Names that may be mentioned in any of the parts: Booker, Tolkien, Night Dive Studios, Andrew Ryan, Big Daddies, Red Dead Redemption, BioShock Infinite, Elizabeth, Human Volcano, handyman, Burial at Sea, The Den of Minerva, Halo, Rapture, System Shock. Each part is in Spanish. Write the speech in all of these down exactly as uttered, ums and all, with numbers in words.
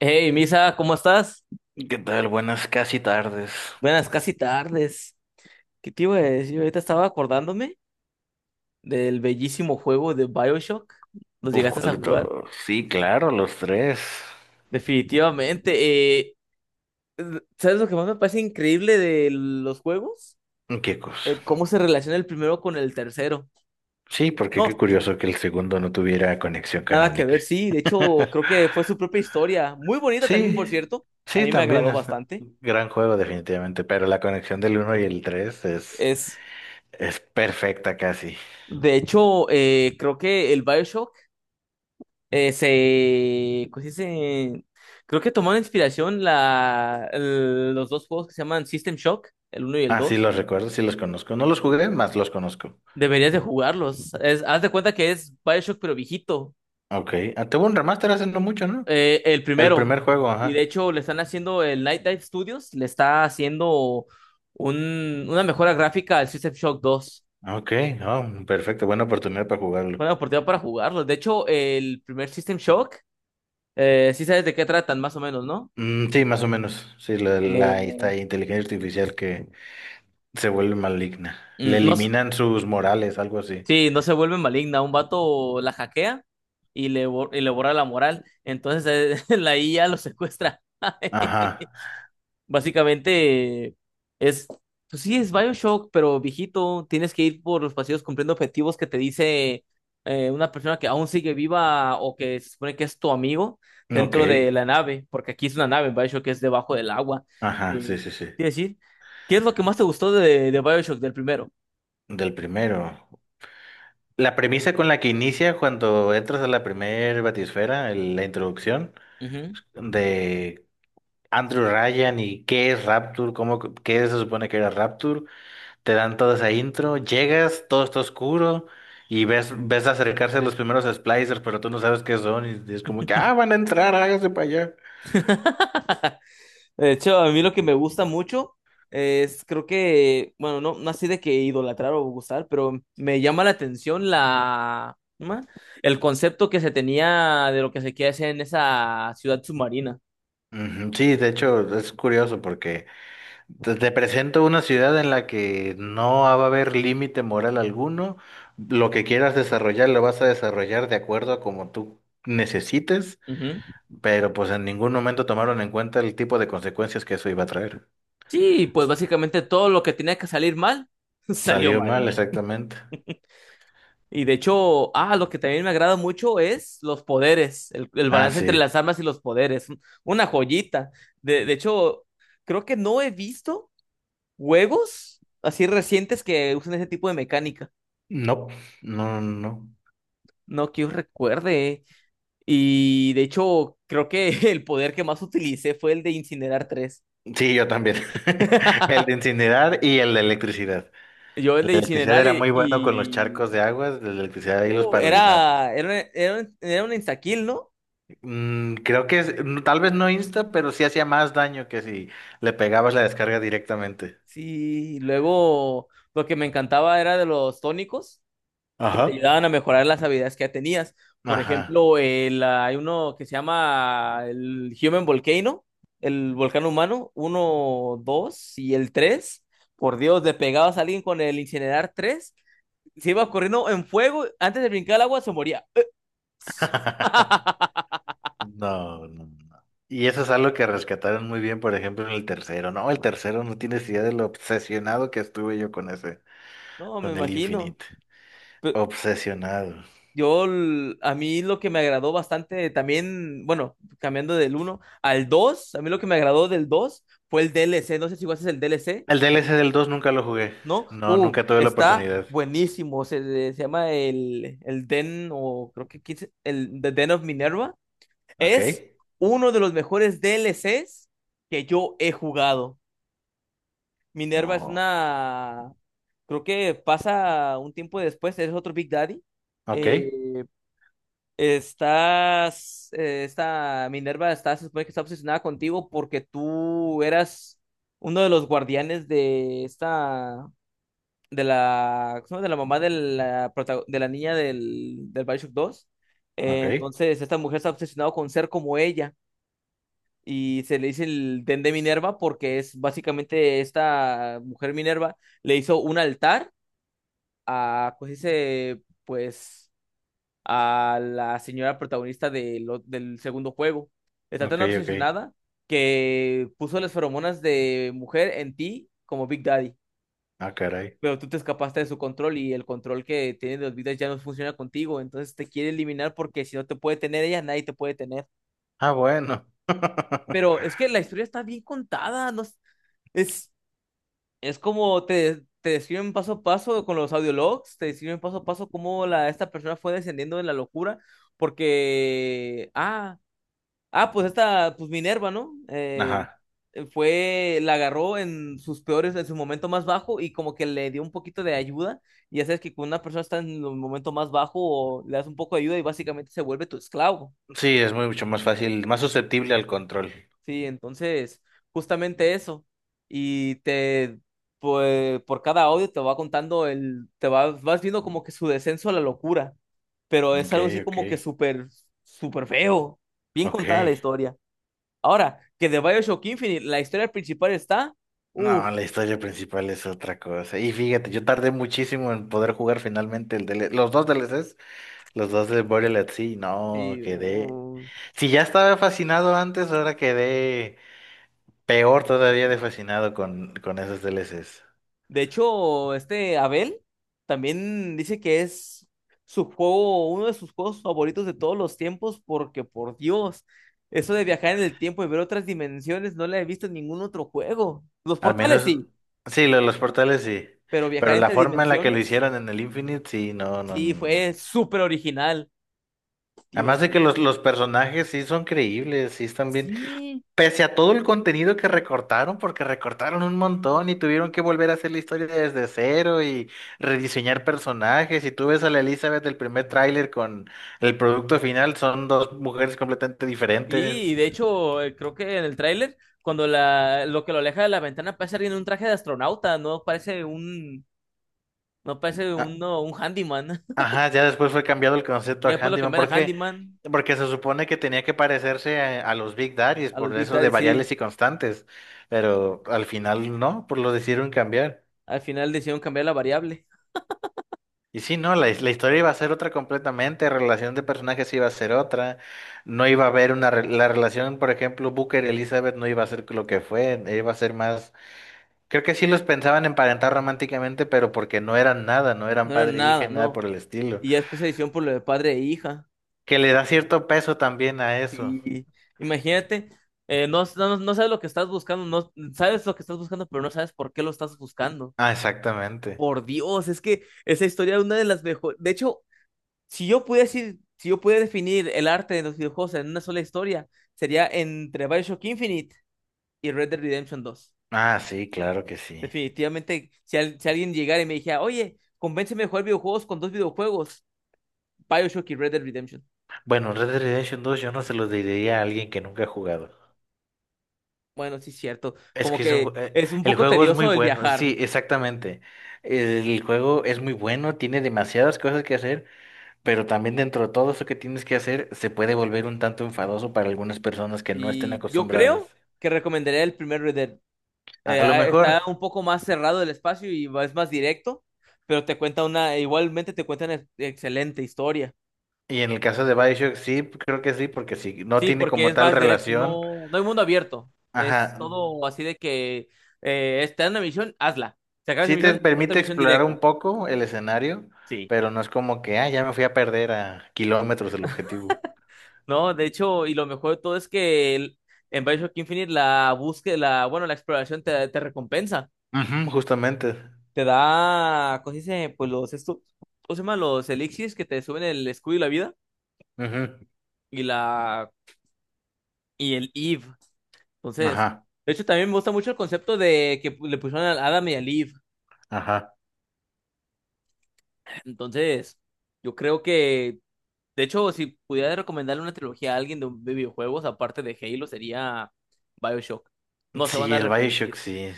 Hey, Misa, ¿cómo estás? ¿Qué tal? Buenas casi tardes. Buenas, casi tardes. ¿Qué te iba a decir? Ahorita estaba acordándome del bellísimo juego de BioShock. ¿Los Uf, llegaste ¿cuál a de jugar? todos? Sí, claro, los tres. Definitivamente. eh, ¿Sabes lo que más me parece increíble de los juegos? ¿Qué cosa? El cómo se relaciona el primero con el tercero. Sí, porque qué No, y curioso que el segundo no tuviera conexión nada que canónica. ver, sí. De hecho, creo que fue su propia historia. Muy bonita también, por Sí, cierto. A sí, mí me también agradó es bastante. un gran juego definitivamente, pero la conexión del uno y el tres es, Es, es perfecta casi. de hecho, eh, creo que el BioShock eh, se, ¿cómo se Creo que tomaron inspiración la, el- los dos juegos que se llaman System Shock, el uno y el Ah, sí, dos. los recuerdo, sí los conozco. No los jugué, más los conozco. Deberías de jugarlos. Es- haz de cuenta que es BioShock pero viejito, Ok, ah, tuvo un remaster hace no mucho, ¿no? eh, el El primero. primer juego, Y de ajá. hecho le están haciendo, el Night Dive Studios le está haciendo un- una mejora gráfica al System Shock dos. Ok, oh, perfecto, buena oportunidad para jugarlo. Buena oportunidad para jugarlos. De hecho, el primer System Shock, eh, sí sabes de qué tratan más o menos, ¿no? Mm, sí, más o menos. Sí, la, la- Eh, esta inteligencia artificial que se vuelve maligna. Le mm, no. eliminan sus morales, algo así. Sí, no se vuelve maligna. Un vato la hackea y le, bor- y le borra la moral. Entonces eh, la I A lo secuestra. Ajá. Básicamente es, pues sí, es BioShock, pero viejito, tienes que ir por los pasillos cumpliendo objetivos que te dice eh, una persona que aún sigue viva o que se supone que es tu amigo Ok. dentro de la nave, porque aquí es una nave, BioShock es debajo del agua. Ajá, Eh, sí, sí, sí. quiero decir, ¿qué es lo que más te gustó de, de BioShock del primero? Del primero. La premisa con la que inicia cuando entras a la primer batisfera, el- la introducción Ujú. de Andrew Ryan y qué es Rapture, cómo, qué se supone que era Rapture. Te dan toda esa intro, llegas, todo está oscuro y ves, ves acercarse los primeros splicers, pero tú no sabes qué son y es como que, ah, van a entrar, hágase para allá. De hecho, a mí lo que me gusta mucho es, creo que, bueno, no, no así de que idolatrar o gustar, pero me llama la atención la, ¿cómo se llama? El concepto que se tenía de lo que se quiere hacer en esa ciudad submarina. Ujú. Sí, de hecho es curioso porque te, te presento una ciudad en la que no va a haber límite moral alguno, lo que quieras desarrollar lo vas a desarrollar de acuerdo a como tú necesites, Ujú. pero pues en ningún momento tomaron en cuenta el tipo de consecuencias que eso iba a traer. Sí, pues básicamente todo lo que tenía que salir mal, salió Salió mal, mal. exactamente. Y de hecho, ah, lo que también me agrada mucho es los poderes, el, el Ah, balance entre sí. las armas y los poderes. Una joyita. De, de hecho, creo que no he visto juegos así recientes que usan ese tipo de mecánica. No, no, no. no. No que yo recuerde. Y de hecho, creo que el poder que más utilicé fue el de incinerar tres. Sí, yo también. El de incinerar y el de electricidad. Yo el El de de electricidad incinerar era y, muy bueno con los charcos y- de aguas, de electricidad y los uh, paralizados. era, era, era, un- era un instakill, ¿no? Mm, creo que es- mm, tal vez no insta, pero sí hacía más daño que si le pegabas la descarga directamente. Sí, luego lo que me encantaba era de los tónicos. Te Ajá. ayudaban a mejorar las habilidades que ya tenías. Por Ajá. ejemplo, el, ah, hay uno que se llama el Human Volcano, el volcán humano, uno, dos y el tres. Por Dios, le pegabas a alguien con el incinerar tres, se iba corriendo en fuego, antes de brincar al agua se moría. No, no, no. Y eso es algo que rescataron muy bien, por ejemplo, en el tercero. No, el tercero no tienes idea de lo obsesionado que estuve yo con ese, No, me con el imagino. Infinite. Pe- Obsesionado. Yo, l- a mí lo que me agradó bastante también, bueno, cambiando del uno al dos, a mí lo que me agradó del dos fue el D L C. No sé si jugaste el D L C. El D L C del dos nunca lo jugué. ¿No? No, Uh, nunca tuve la está oportunidad. buenísimo. Se, se llama el, el Den, o creo que quise- el The Den of Minerva. Ok. Es uno de los mejores D L Cs que yo he jugado. Minerva es No. una. Creo que pasa un tiempo después, es otro Big Daddy. Ok. Eh, estás. Eh, esta Minerva está, se supone que está obsesionada contigo porque tú eras uno de los guardianes de esta. De la, ¿cómo se llama? De la mamá de la, prota- de la niña del, del Bioshock dos. Eh, Ok. entonces, esta mujer está obsesionada con ser como ella, y se le dice el Den de Minerva porque es básicamente esta mujer Minerva le hizo un altar a, pues dice, pues a la señora protagonista de lo- del segundo juego. Está Ok, tan ok. obsesionada que puso las feromonas de mujer en ti como Big Daddy. Ah, caray. Pero tú te escapaste de su control y el control que tiene de los vidas ya no funciona contigo, entonces te quiere eliminar porque si no te puede tener ella, nadie te puede tener. Ah, bueno. Pero es que la historia está bien contada, no es, es, es como te, te describen paso a paso con los audiologs, te describen paso a paso cómo la, esta persona fue descendiendo de la locura, porque, ah, Ah, pues esta, pues Minerva, ¿no? Eh, Ajá. eh, fue, la agarró en sus peores, en su momento más bajo y como que le dio un poquito de ayuda. Y ya sabes que cuando una persona está en el momento más bajo, o le das un poco de ayuda y básicamente se vuelve tu esclavo. Sí, es mucho más fácil, más susceptible al control. Sí, entonces, justamente eso. Y te, pues, por cada audio te va contando el, te vas, vas viendo como que su descenso a la locura. Pero es Ok, algo así ok. como que súper, súper feo. Bien Ok. contada la historia. Ahora, que de BioShock Infinite, la historia principal está. Uf, No, la historia principal es otra cosa. Y fíjate, yo tardé muchísimo en poder jugar finalmente el D L C, los dos D L Cs, los dos de Burial at Sea. No, y. quedé. uh, Si ya estaba fascinado antes, ahora quedé. Peor todavía de fascinado con, con esos D L Cs. De hecho, este Abel también dice que es su juego, uno de sus juegos favoritos de todos los tiempos, porque por Dios, eso de viajar en el tiempo y ver otras dimensiones no la he visto en ningún otro juego. Los Al portales menos, sí, sí, lo de los portales sí. pero viajar Pero la entre forma en la que lo dimensiones, hicieron en el Infinite, sí, no, no, sí, no. fue no. súper original. Además Dios de mío. que los, los personajes sí son creíbles, sí están bien. Sí. Pese a todo el contenido que recortaron, porque recortaron un montón y tuvieron que volver a hacer la historia desde cero y rediseñar personajes. Y tú ves a la Elizabeth del primer tráiler con el producto final, son dos mujeres completamente Sí, y diferentes. de hecho, eh, creo que en el tráiler, cuando la, lo que lo aleja de la ventana parece alguien en un traje de astronauta, no parece un, no parece un no un handyman. Ajá, ya después fue cambiado el Y concepto a después lo handyman. ¿Por cambiaron a qué? handyman, Porque se supone que tenía que parecerse a, a los Big Daddies, a los por Big eso de Daddy, sí. variables y constantes. Pero al final no, por lo decidieron cambiar. Al final decidieron cambiar la variable. Y sí, no, la, his- la historia iba a ser otra completamente, relación de personajes iba a ser otra. No iba a haber una. Re- la relación, por ejemplo, Booker y Elizabeth no iba a ser lo que fue, iba a ser más. Creo que sí los pensaban emparentar románticamente, pero porque no eran nada, no eran No era padre e hija, y nada, nada no. por el estilo. Y ya después se decidieron por lo de padre e hija. Que le da cierto peso también a eso. Sí. Imagínate, eh, no, no, no sabes lo que estás buscando, no sabes lo que estás buscando, pero no sabes por qué lo estás buscando. Ah, exactamente. Por Dios, es que esa historia es una de las mejores. De hecho, si yo pudiese, ir- si yo pudiera definir el arte de los videojuegos en una sola historia, sería entre Bioshock Infinite y Red Dead Redemption dos. Ah, sí, claro que sí. Definitivamente, si, al- si alguien llegara y me dijera, oye, convénceme de jugar videojuegos con dos videojuegos, Bioshock y Red Dead Redemption. Bueno, Red Dead Redemption dos, yo no se lo diría a alguien que nunca ha jugado. Bueno, sí es cierto. Es Como que es un, que ju- eh, es un el poco juego es muy tedioso el bueno, viajar. sí, exactamente. El juego es muy bueno, tiene demasiadas cosas que hacer, pero también dentro de todo eso que tienes que hacer se puede volver un tanto enfadoso para algunas personas que no estén Y yo acostumbradas. creo que recomendaría el primer Red Dead. Eh, A lo ah, Está mejor, un poco más cerrado el espacio y es más directo, pero te cuenta una, igualmente te cuenta una excelente historia. y en el caso de BioShock sí, creo que sí, porque si no Sí, tiene porque como es tal más directo, relación, no, no hay mundo abierto. Es ajá, todo así de que eh, está en una misión, hazla. Se acaba esa sí te misión, otra permite misión explorar directa. un poco el escenario, Sí. pero no es como que, ah, ya me fui a perder a kilómetros del objetivo. No, de hecho, y lo mejor de todo es que el- en Bioshock Infinite la búsqueda, la, bueno, la exploración te, te recompensa. Ujú, justamente. Te da, ¿cómo se dice? Pues los esto, ¿cómo se llama? Los elixirs que te suben el escudo y la vida Ujú. y la y el Eve. Entonces, Ajá, de hecho, también me gusta mucho el concepto de que le pusieron a Adam y a Eve. ajá. Entonces, yo creo que de hecho, si pudiera recomendarle una trilogía a alguien de, un- de videojuegos, aparte de Halo, sería BioShock. No se van Sí, a el Bioshock, arrepentir. sí.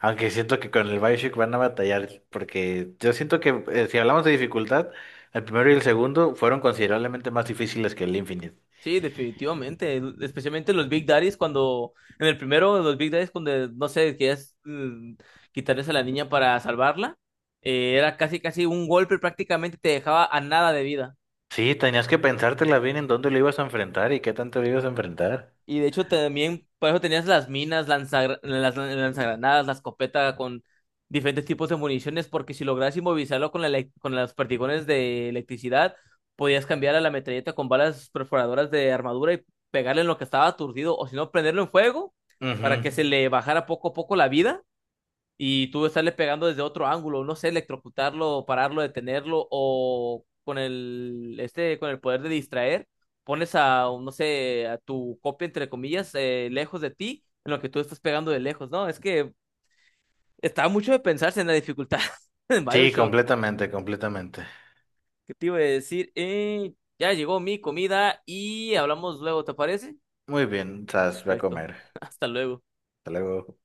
Aunque siento que con el Bioshock van a batallar, porque yo siento que eh, si hablamos de dificultad, el primero y el segundo fueron considerablemente más difíciles que el Infinite. Sí, definitivamente. el- Especialmente los Big Daddies cuando, en el primero, los Big Daddies cuando, no sé, quieres mm, quitarles a la niña para salvarla. Eh, era casi, casi un golpe, prácticamente te dejaba a nada de vida. Sí, tenías que pensártela bien en dónde lo ibas a enfrentar y qué tanto lo ibas a enfrentar. Y de hecho también, por eso tenías las minas, lanzagra- las lanzagranadas, la escopeta con diferentes tipos de municiones, porque si logras inmovilizarlo con, la elec- con los perdigones de electricidad, podías cambiar a la metralleta con balas perforadoras de armadura y pegarle en lo que estaba aturdido, o si no, prenderlo en fuego para Ujú. que se le bajara poco a poco la vida y tú estarle pegando desde otro ángulo, no sé, electrocutarlo, pararlo, detenerlo, o con el, este, con el poder de distraer, pones a, no sé, a tu copia, entre comillas, eh, lejos de ti, en lo que tú estás pegando de lejos, ¿no? Es que está mucho de pensarse en la dificultad en Sí, BioShock. completamente, completamente. ¿Qué te iba a decir? Eh, ya llegó mi comida y hablamos luego, ¿te parece? Muy bien, Sas, voy a Perfecto. comer. Hasta luego. Hasta luego.